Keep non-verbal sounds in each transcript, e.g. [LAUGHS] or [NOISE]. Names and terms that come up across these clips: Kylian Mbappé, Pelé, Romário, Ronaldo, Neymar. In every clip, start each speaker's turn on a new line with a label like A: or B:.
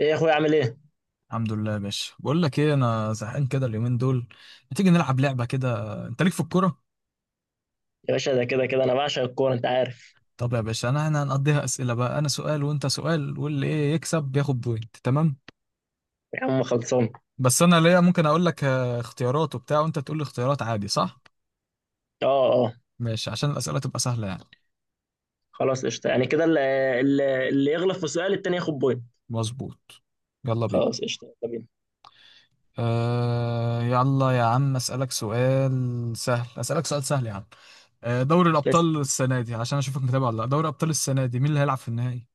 A: ايه يا اخويا، عامل ايه يا
B: الحمد لله يا باشا، بقول لك ايه؟ انا زهقان كده اليومين دول. ما تيجي نلعب لعبه كده؟ انت ليك في الكوره؟
A: باشا؟ ده كده كده انا بعشق الكوره، انت عارف.
B: طب يا باشا، انا هنقضيها اسئله بقى. انا سؤال وانت سؤال، واللي ايه يكسب بياخد بوينت، تمام؟
A: يا عم خلصان.
B: بس انا ليا، ممكن اقول لك اختيارات وبتاع، وانت تقول لي اختيارات، عادي صح؟
A: اه، اه.
B: ماشي، عشان الاسئله تبقى سهله يعني.
A: خلاص قشطه، يعني كده اللي يغلط في سؤال التاني ياخد بوينت.
B: مظبوط. يلا بينا.
A: خلاص قشطه، يلا بينا.
B: يلا يا عم. اسالك سؤال سهل، اسالك سؤال سهل يا عم. دوري
A: بس
B: الابطال السنه دي، عشان اشوفك متابع ولا لا، دوري ابطال السنه دي مين اللي هيلعب في النهائي؟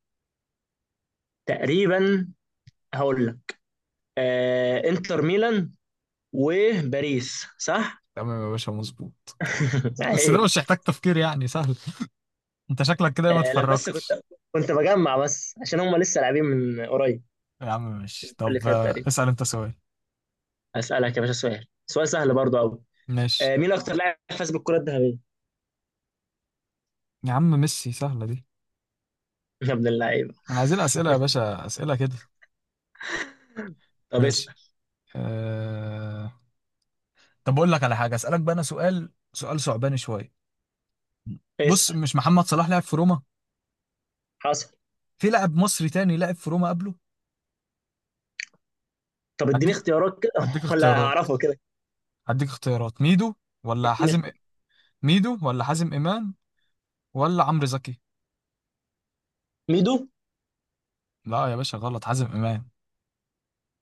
A: تقريبا هقول لك، انتر ميلان وباريس، صح.
B: تمام يا باشا، مظبوط.
A: [LAUGHS]
B: بس
A: صحيح.
B: ده مش يحتاج تفكير يعني، سهل. انت شكلك كده ما
A: آه لا، بس كنت
B: اتفرجتش.
A: كنت بجمع بس عشان هم لسه لاعبين من قريب
B: يا عم ماشي.
A: اللي
B: طب
A: فات تقريبا.
B: اسأل انت سؤال.
A: هسألك يا باشا سؤال، سؤال سهل برضه قوي.
B: ماشي.
A: مين اكتر لاعب فاز بالكره الذهبيه؟
B: يا عم ميسي، سهلة دي.
A: [LAUGHS] يا ابن اللعيبه.
B: انا عايزين اسئلة يا باشا، اسئلة كده.
A: طب
B: ماشي.
A: اسأل،
B: أه... طب اقول لك على حاجة، اسألك بقى انا سؤال، سؤال صعباني شوية. بص،
A: اسأل.
B: مش محمد صلاح لعب في روما؟
A: حصل.
B: في لاعب مصري تاني لعب في روما قبله.
A: طب اديني
B: هديك.
A: اختيارات كده
B: هديك
A: [LAUGHS] ولا
B: اختيارات
A: هعرفه كده.
B: هديك اختيارات ولا
A: اديني
B: حازم
A: اختيارات،
B: ميدو ولا حازم امام، ولا عمرو زكي؟
A: ميدو.
B: لا يا باشا، غلط، حازم امام.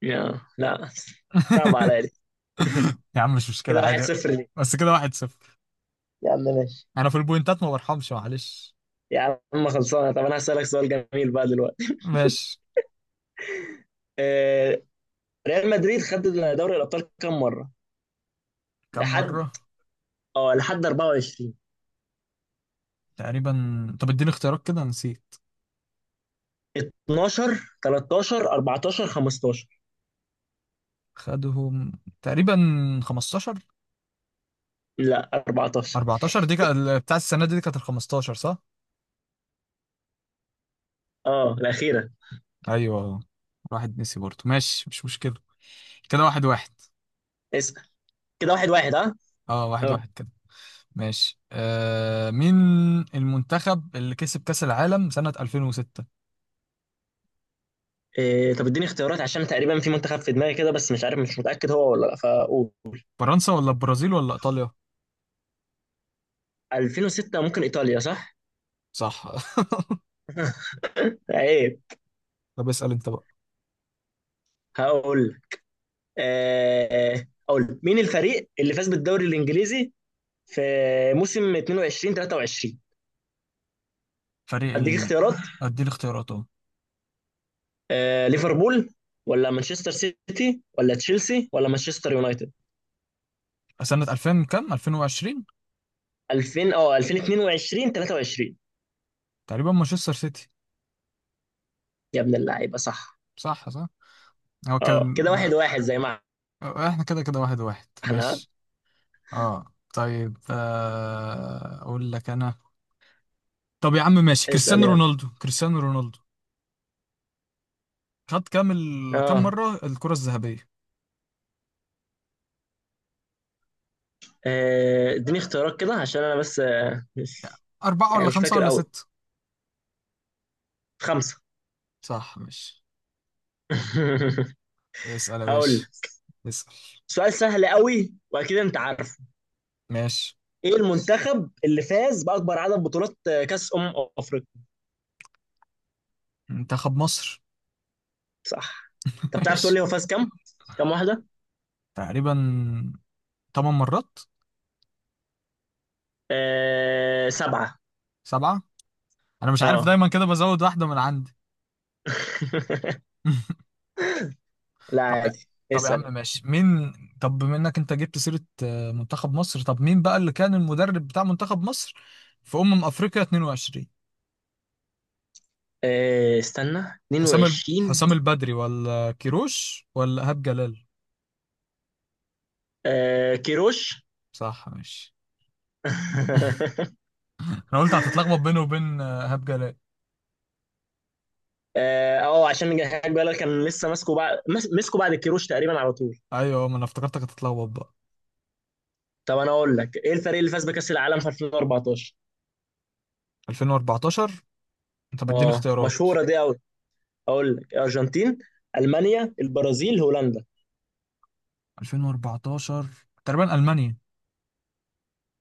A: يا لا، صعب عليا
B: [LAUGHS]
A: دي.
B: [LAUGHS] يا عم مش مشكلة،
A: كده واحد
B: عادي.
A: صفر ليه.
B: بس كده واحد صفر.
A: يا عم ماشي.
B: أنا في البوينتات ما برحمش، معلش.
A: يا عم خلصانه، طب انا هسألك سؤال جميل بقى دلوقتي.
B: ماشي.
A: آه، ريال مدريد خد دوري الابطال كام مره؟
B: كم
A: لحد،
B: مرة؟
A: اه لحد 24.
B: تقريبا. طب اديني اختيارات كده، نسيت.
A: 12، 13، 14، 15.
B: خدهم. تقريبا 15.
A: لا، 14.
B: 14 دي كانت بتاع السنة دي، دي كانت ال 15 صح؟
A: اه الاخيره.
B: أيوه. واحد نسي برضه، ماشي مش مشكلة. كده واحد واحد.
A: اسأل. كده واحد واحد، ها؟
B: اه واحد
A: اه.
B: واحد كده. ماشي. مين المنتخب اللي كسب كأس العالم سنة 2006؟
A: إيه؟ طب اديني اختيارات عشان تقريبا في منتخب في دماغي كده، بس مش عارف، مش متأكد هو ولا لا، فقول.
B: فرنسا ولا البرازيل ولا إيطاليا؟
A: 2006 ممكن ايطاليا، صح؟
B: صح.
A: عيب.
B: [LAUGHS] طب اسأل انت بقى.
A: هقول لك. آه اقول لك. مين الفريق اللي فاز بالدوري الانجليزي في موسم 22 23؟
B: فريق
A: اديك
B: ال...
A: اختيارات.
B: ادي الاختيارات اهو.
A: آه ليفربول، ولا مانشستر سيتي، ولا تشيلسي، ولا مانشستر يونايتد؟
B: سنة 2000 كام، 2020؟
A: 2000، اه 2022 23.
B: تقريبا مانشستر سيتي.
A: يا ابن اللعيبه صح.
B: صح صح. هو كان...
A: اه، كده واحد واحد زي ما
B: احنا كده كده واحد واحد،
A: احنا. ها؟
B: ماشي. اه طيب، اقول لك انا. طب يا عم ماشي،
A: اسال
B: كريستيانو
A: يلا.
B: رونالدو، كريستيانو رونالدو خد كام كام
A: اه،
B: مرة الكرة الذهبية؟
A: اديني اختيارات كده عشان انا بس مش
B: أربعة
A: يعني
B: ولا
A: مش
B: خمسة
A: فاكر
B: ولا
A: قوي.
B: ستة؟
A: خمسة.
B: صح، ماشي.
A: [LAUGHS]
B: اسأل يا
A: هقول
B: باشا. اسأل.
A: سؤال سهل قوي واكيد انت عارفه.
B: ماشي.
A: ايه المنتخب اللي فاز باكبر عدد بطولات، كاس افريقيا؟
B: منتخب مصر.
A: صح.
B: [LAUGHS]
A: طب تعرف تقول
B: ماشي.
A: لي هو فاز كام، كام واحده؟
B: تقريبا تمن مرات.
A: سبعه.
B: سبعة. انا مش عارف،
A: اه.
B: دايما كده بزود واحده من عندي.
A: [LAUGHS]
B: [LAUGHS]
A: لا
B: طب لا،
A: عادي،
B: طب يا
A: اسال
B: عم
A: يلا.
B: ماشي. مين؟ طب بما انك انت جبت سيره منتخب مصر، طب مين بقى اللي كان المدرب بتاع منتخب مصر في افريقيا 22؟
A: استنى،
B: حسام
A: 22.
B: حسام البدري ولا كيروش ولا ايهاب جلال؟
A: كيروش. [LAUGHS]
B: صح، ماشي. [LAUGHS] انا قلت هتتلخبط بينه وبين ايهاب جلال.
A: اه، عشان نجهز بالك كان لسه ماسكه بعد مسكه بعد الكيروش تقريبا على طول.
B: ايوه، ما انا افتكرتك هتتلخبط بقى.
A: طب انا اقول لك، ايه الفريق اللي فاز بكاس العالم في 2014؟
B: 2014. انت بتديني
A: اه
B: اختيارات؟
A: مشهوره دي. اقول لك الارجنتين، المانيا، البرازيل، هولندا.
B: 2014 تقريبا، المانيا.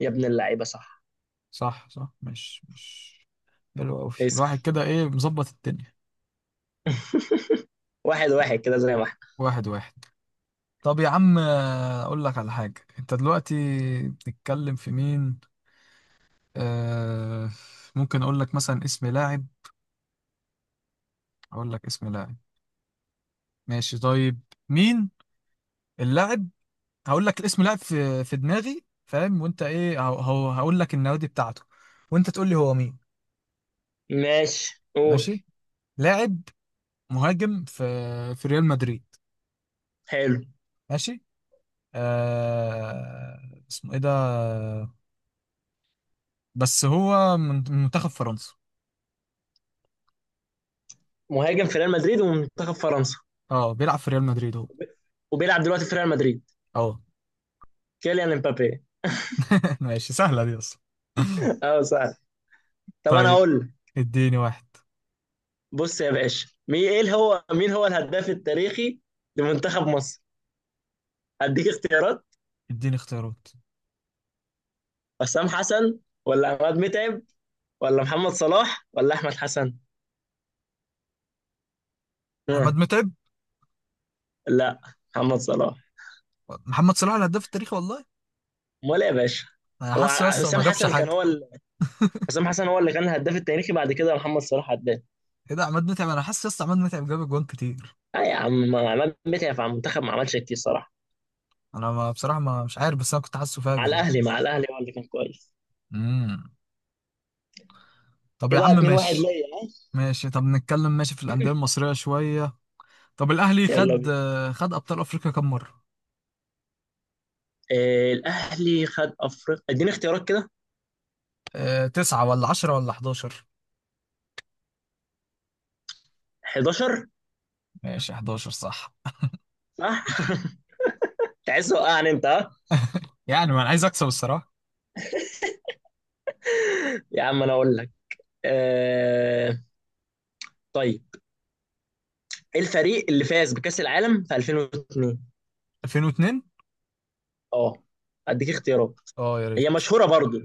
A: يا ابن اللعيبه صح.
B: صح صح، مش حلو قوي
A: اسال.
B: الواحد كده؟ ايه، مظبط الدنيا.
A: واحد واحد كده زي ما احنا.
B: واحد واحد. طب يا عم اقول لك على حاجة. انت دلوقتي بتتكلم في مين؟ آه ممكن اقول لك مثلا اسم لاعب، اقول لك اسم لاعب. ماشي طيب. مين اللاعب؟ هقول لك الاسم، لاعب في دماغي فاهم؟ وانت ايه، هقول لك النوادي بتاعته وانت تقول لي هو مين.
A: ماشي، قول.
B: ماشي. لاعب مهاجم في ريال مدريد.
A: حلو.
B: ماشي. آه اسمه ايه ده؟ بس هو من منتخب فرنسا.
A: مهاجم في ريال مدريد ومنتخب فرنسا،
B: اه، بيلعب في ريال مدريد هو.
A: وبيلعب دلوقتي في ريال مدريد.
B: اه.
A: كيليان امبابي.
B: [LAUGHS] ماشي، سهلة دي اصلا.
A: [LAUGHS] اه سهل. طب انا
B: طيب
A: اقول لك.
B: اديني واحد.
A: بص يا باشا، مين ايه هو، مين هو الهداف التاريخي لمنتخب مصر؟ اديك اختيارات.
B: اديني اختيارات.
A: حسام حسن، ولا عماد متعب، ولا محمد صلاح، ولا احمد حسن؟
B: احمد
A: ها.
B: متعب.
A: لا، محمد صلاح.
B: محمد صلاح الهداف التاريخي والله؟
A: امال ايه يا باشا؟
B: انا
A: هو
B: حاسه لسه ما
A: حسام
B: جابش
A: حسن
B: حاجه.
A: كان هو، حسام حسن هو اللي كان الهداف التاريخي بعد كده محمد صلاح هداف.
B: ايه ده؟ عماد متعب، انا حاسس لسه عماد متعب جاب اجوان كتير.
A: اه يا عم، عماد متعب مع المنتخب ما عملش كتير صراحه.
B: انا ما بصراحه، ما مش عارف، بس انا كنت حاسه
A: على
B: فاجر يعني.
A: الاهلي، مع الاهلي هو اللي كان كويس.
B: امم. طب يا
A: كده
B: عم
A: 2-1
B: ماشي.
A: ليا، ها.
B: ماشي، طب نتكلم ماشي في الانديه المصريه شويه. طب الاهلي
A: يلا
B: خد،
A: بينا.
B: خد ابطال افريقيا كام مره؟
A: آه الاهلي خد افريقيا، اديني اختيارات كده.
B: تسعة ولا عشرة ولا 11؟
A: 11.
B: ماشي، 11 صح.
A: صح. [LAUGHS] تحس وقعني انت، ها.
B: يعني ما انا عايز اكسب الصراحة.
A: يا عم انا اقول لك. آه طيب، ايه الفريق اللي فاز بكأس العالم في 2002؟
B: 2002.
A: اه اديك اختيارات،
B: اه يا
A: هي
B: ريت.
A: مشهورة برضو.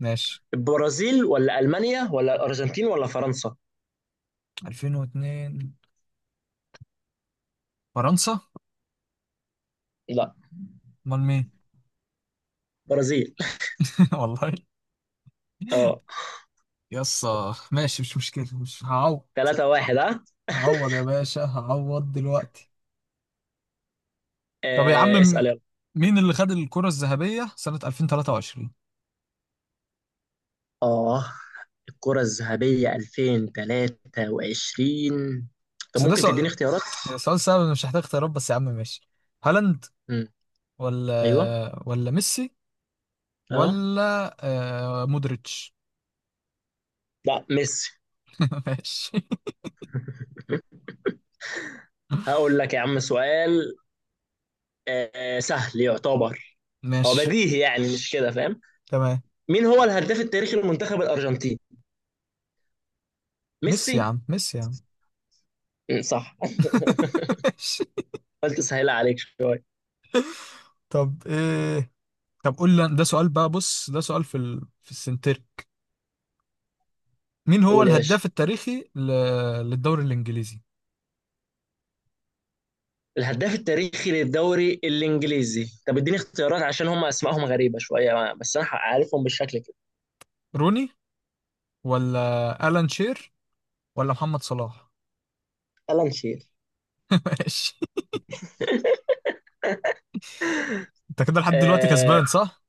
B: ماشي.
A: البرازيل، ولا ألمانيا، ولا الأرجنتين، ولا فرنسا؟
B: 2002 فرنسا؟
A: لا،
B: امال مين؟
A: برازيل.
B: [LAUGHS] والله.
A: اه،
B: يسا، ماشي مش مشكلة، مش هعوض.
A: 3-1 ها.
B: هعوض يا باشا، هعوض دلوقتي. طب يا عم
A: اسأل يلا.
B: مين اللي خد الكرة الذهبية سنة 2023؟
A: آه الكرة الذهبية 2023. طب
B: بس ده
A: ممكن تديني
B: سؤال،
A: اختيارات؟
B: يعني سؤال سهل، أنا مش محتاج اختيارات، بس يا عم ماشي. هالاند
A: مم. أيوه.
B: ولا ميسي
A: أه.
B: ولا مودريتش؟
A: لا، ميسي.
B: [LAUGHS] ماشي.
A: [LAUGHS] هقول لك يا عم سؤال، سهل يعتبر، هو
B: ماشي
A: بديهي يعني مش كده، فاهم.
B: تمام.
A: مين هو الهداف التاريخي لمنتخب الأرجنتين؟
B: ميسي
A: ميسي.
B: يا عم، ميسي يا عم.
A: مم، صح. [LAUGHS]
B: [LAUGHS] ماشي.
A: قلت سهل عليك شوية.
B: طب ايه؟ طب قول لي، ده سؤال بقى، بص ده سؤال في في السنتر. مين هو
A: قول يا باشا.
B: الهداف التاريخي للدوري الانجليزي؟
A: الهداف التاريخي للدوري الإنجليزي. طب اديني اختيارات عشان هم أسمائهم غريبة شوية بس أنا عارفهم بالشكل كده.
B: روني ولا الان شير ولا محمد صلاح؟
A: يلا نشيل.
B: [LAUGHS] ماشي. انت كده لحد دلوقتي
A: آه،
B: كسبان صح؟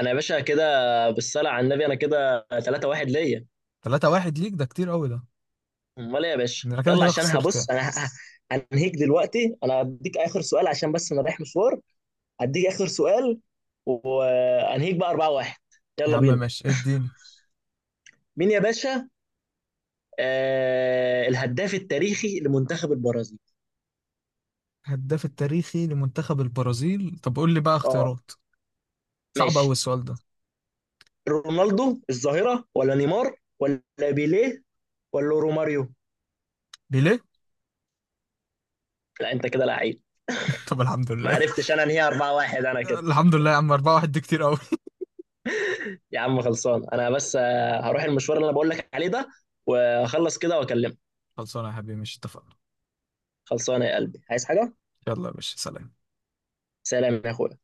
A: انا يا باشا كده بالصلاه على النبي، انا كده 3-1 ليا.
B: 3-1 ليك، ده كتير قوي ده.
A: امال ايه يا باشا؟
B: انا كده
A: يلا
B: كده
A: عشان
B: خسرت يعني.
A: هبص، هنهيك دلوقتي، انا هديك اخر سؤال عشان بس انا رايح مشوار. هديك اخر سؤال وهنهيك بقى 4-1.
B: يا
A: يلا
B: عم
A: بينا.
B: ماشي، اديني.
A: مين يا باشا؟ آه الهداف التاريخي لمنتخب البرازيل.
B: الهداف التاريخي لمنتخب البرازيل؟ طب قول لي بقى
A: اه
B: اختيارات. صعب قوي
A: ماشي.
B: السؤال ده.
A: رونالدو الظاهره، ولا نيمار، ولا بيليه، ولا روماريو.
B: ليه؟
A: لا، انت كده لعيب.
B: [LAUGHS] طب الحمد
A: ما
B: لله.
A: عرفتش انا انهي. 4-1 انا كده.
B: الحمد لله يا عم، 4 واحد دي كتير قوي.
A: يا عم خلصان، انا بس هروح المشوار اللي انا بقول لك عليه ده، واخلص كده واكلمك.
B: خلصانه يا حبيبي، مش اتفقنا؟
A: خلصانه يا قلبي، عايز حاجه؟
B: يلا يا باشا، سلام.
A: سلام يا اخويا.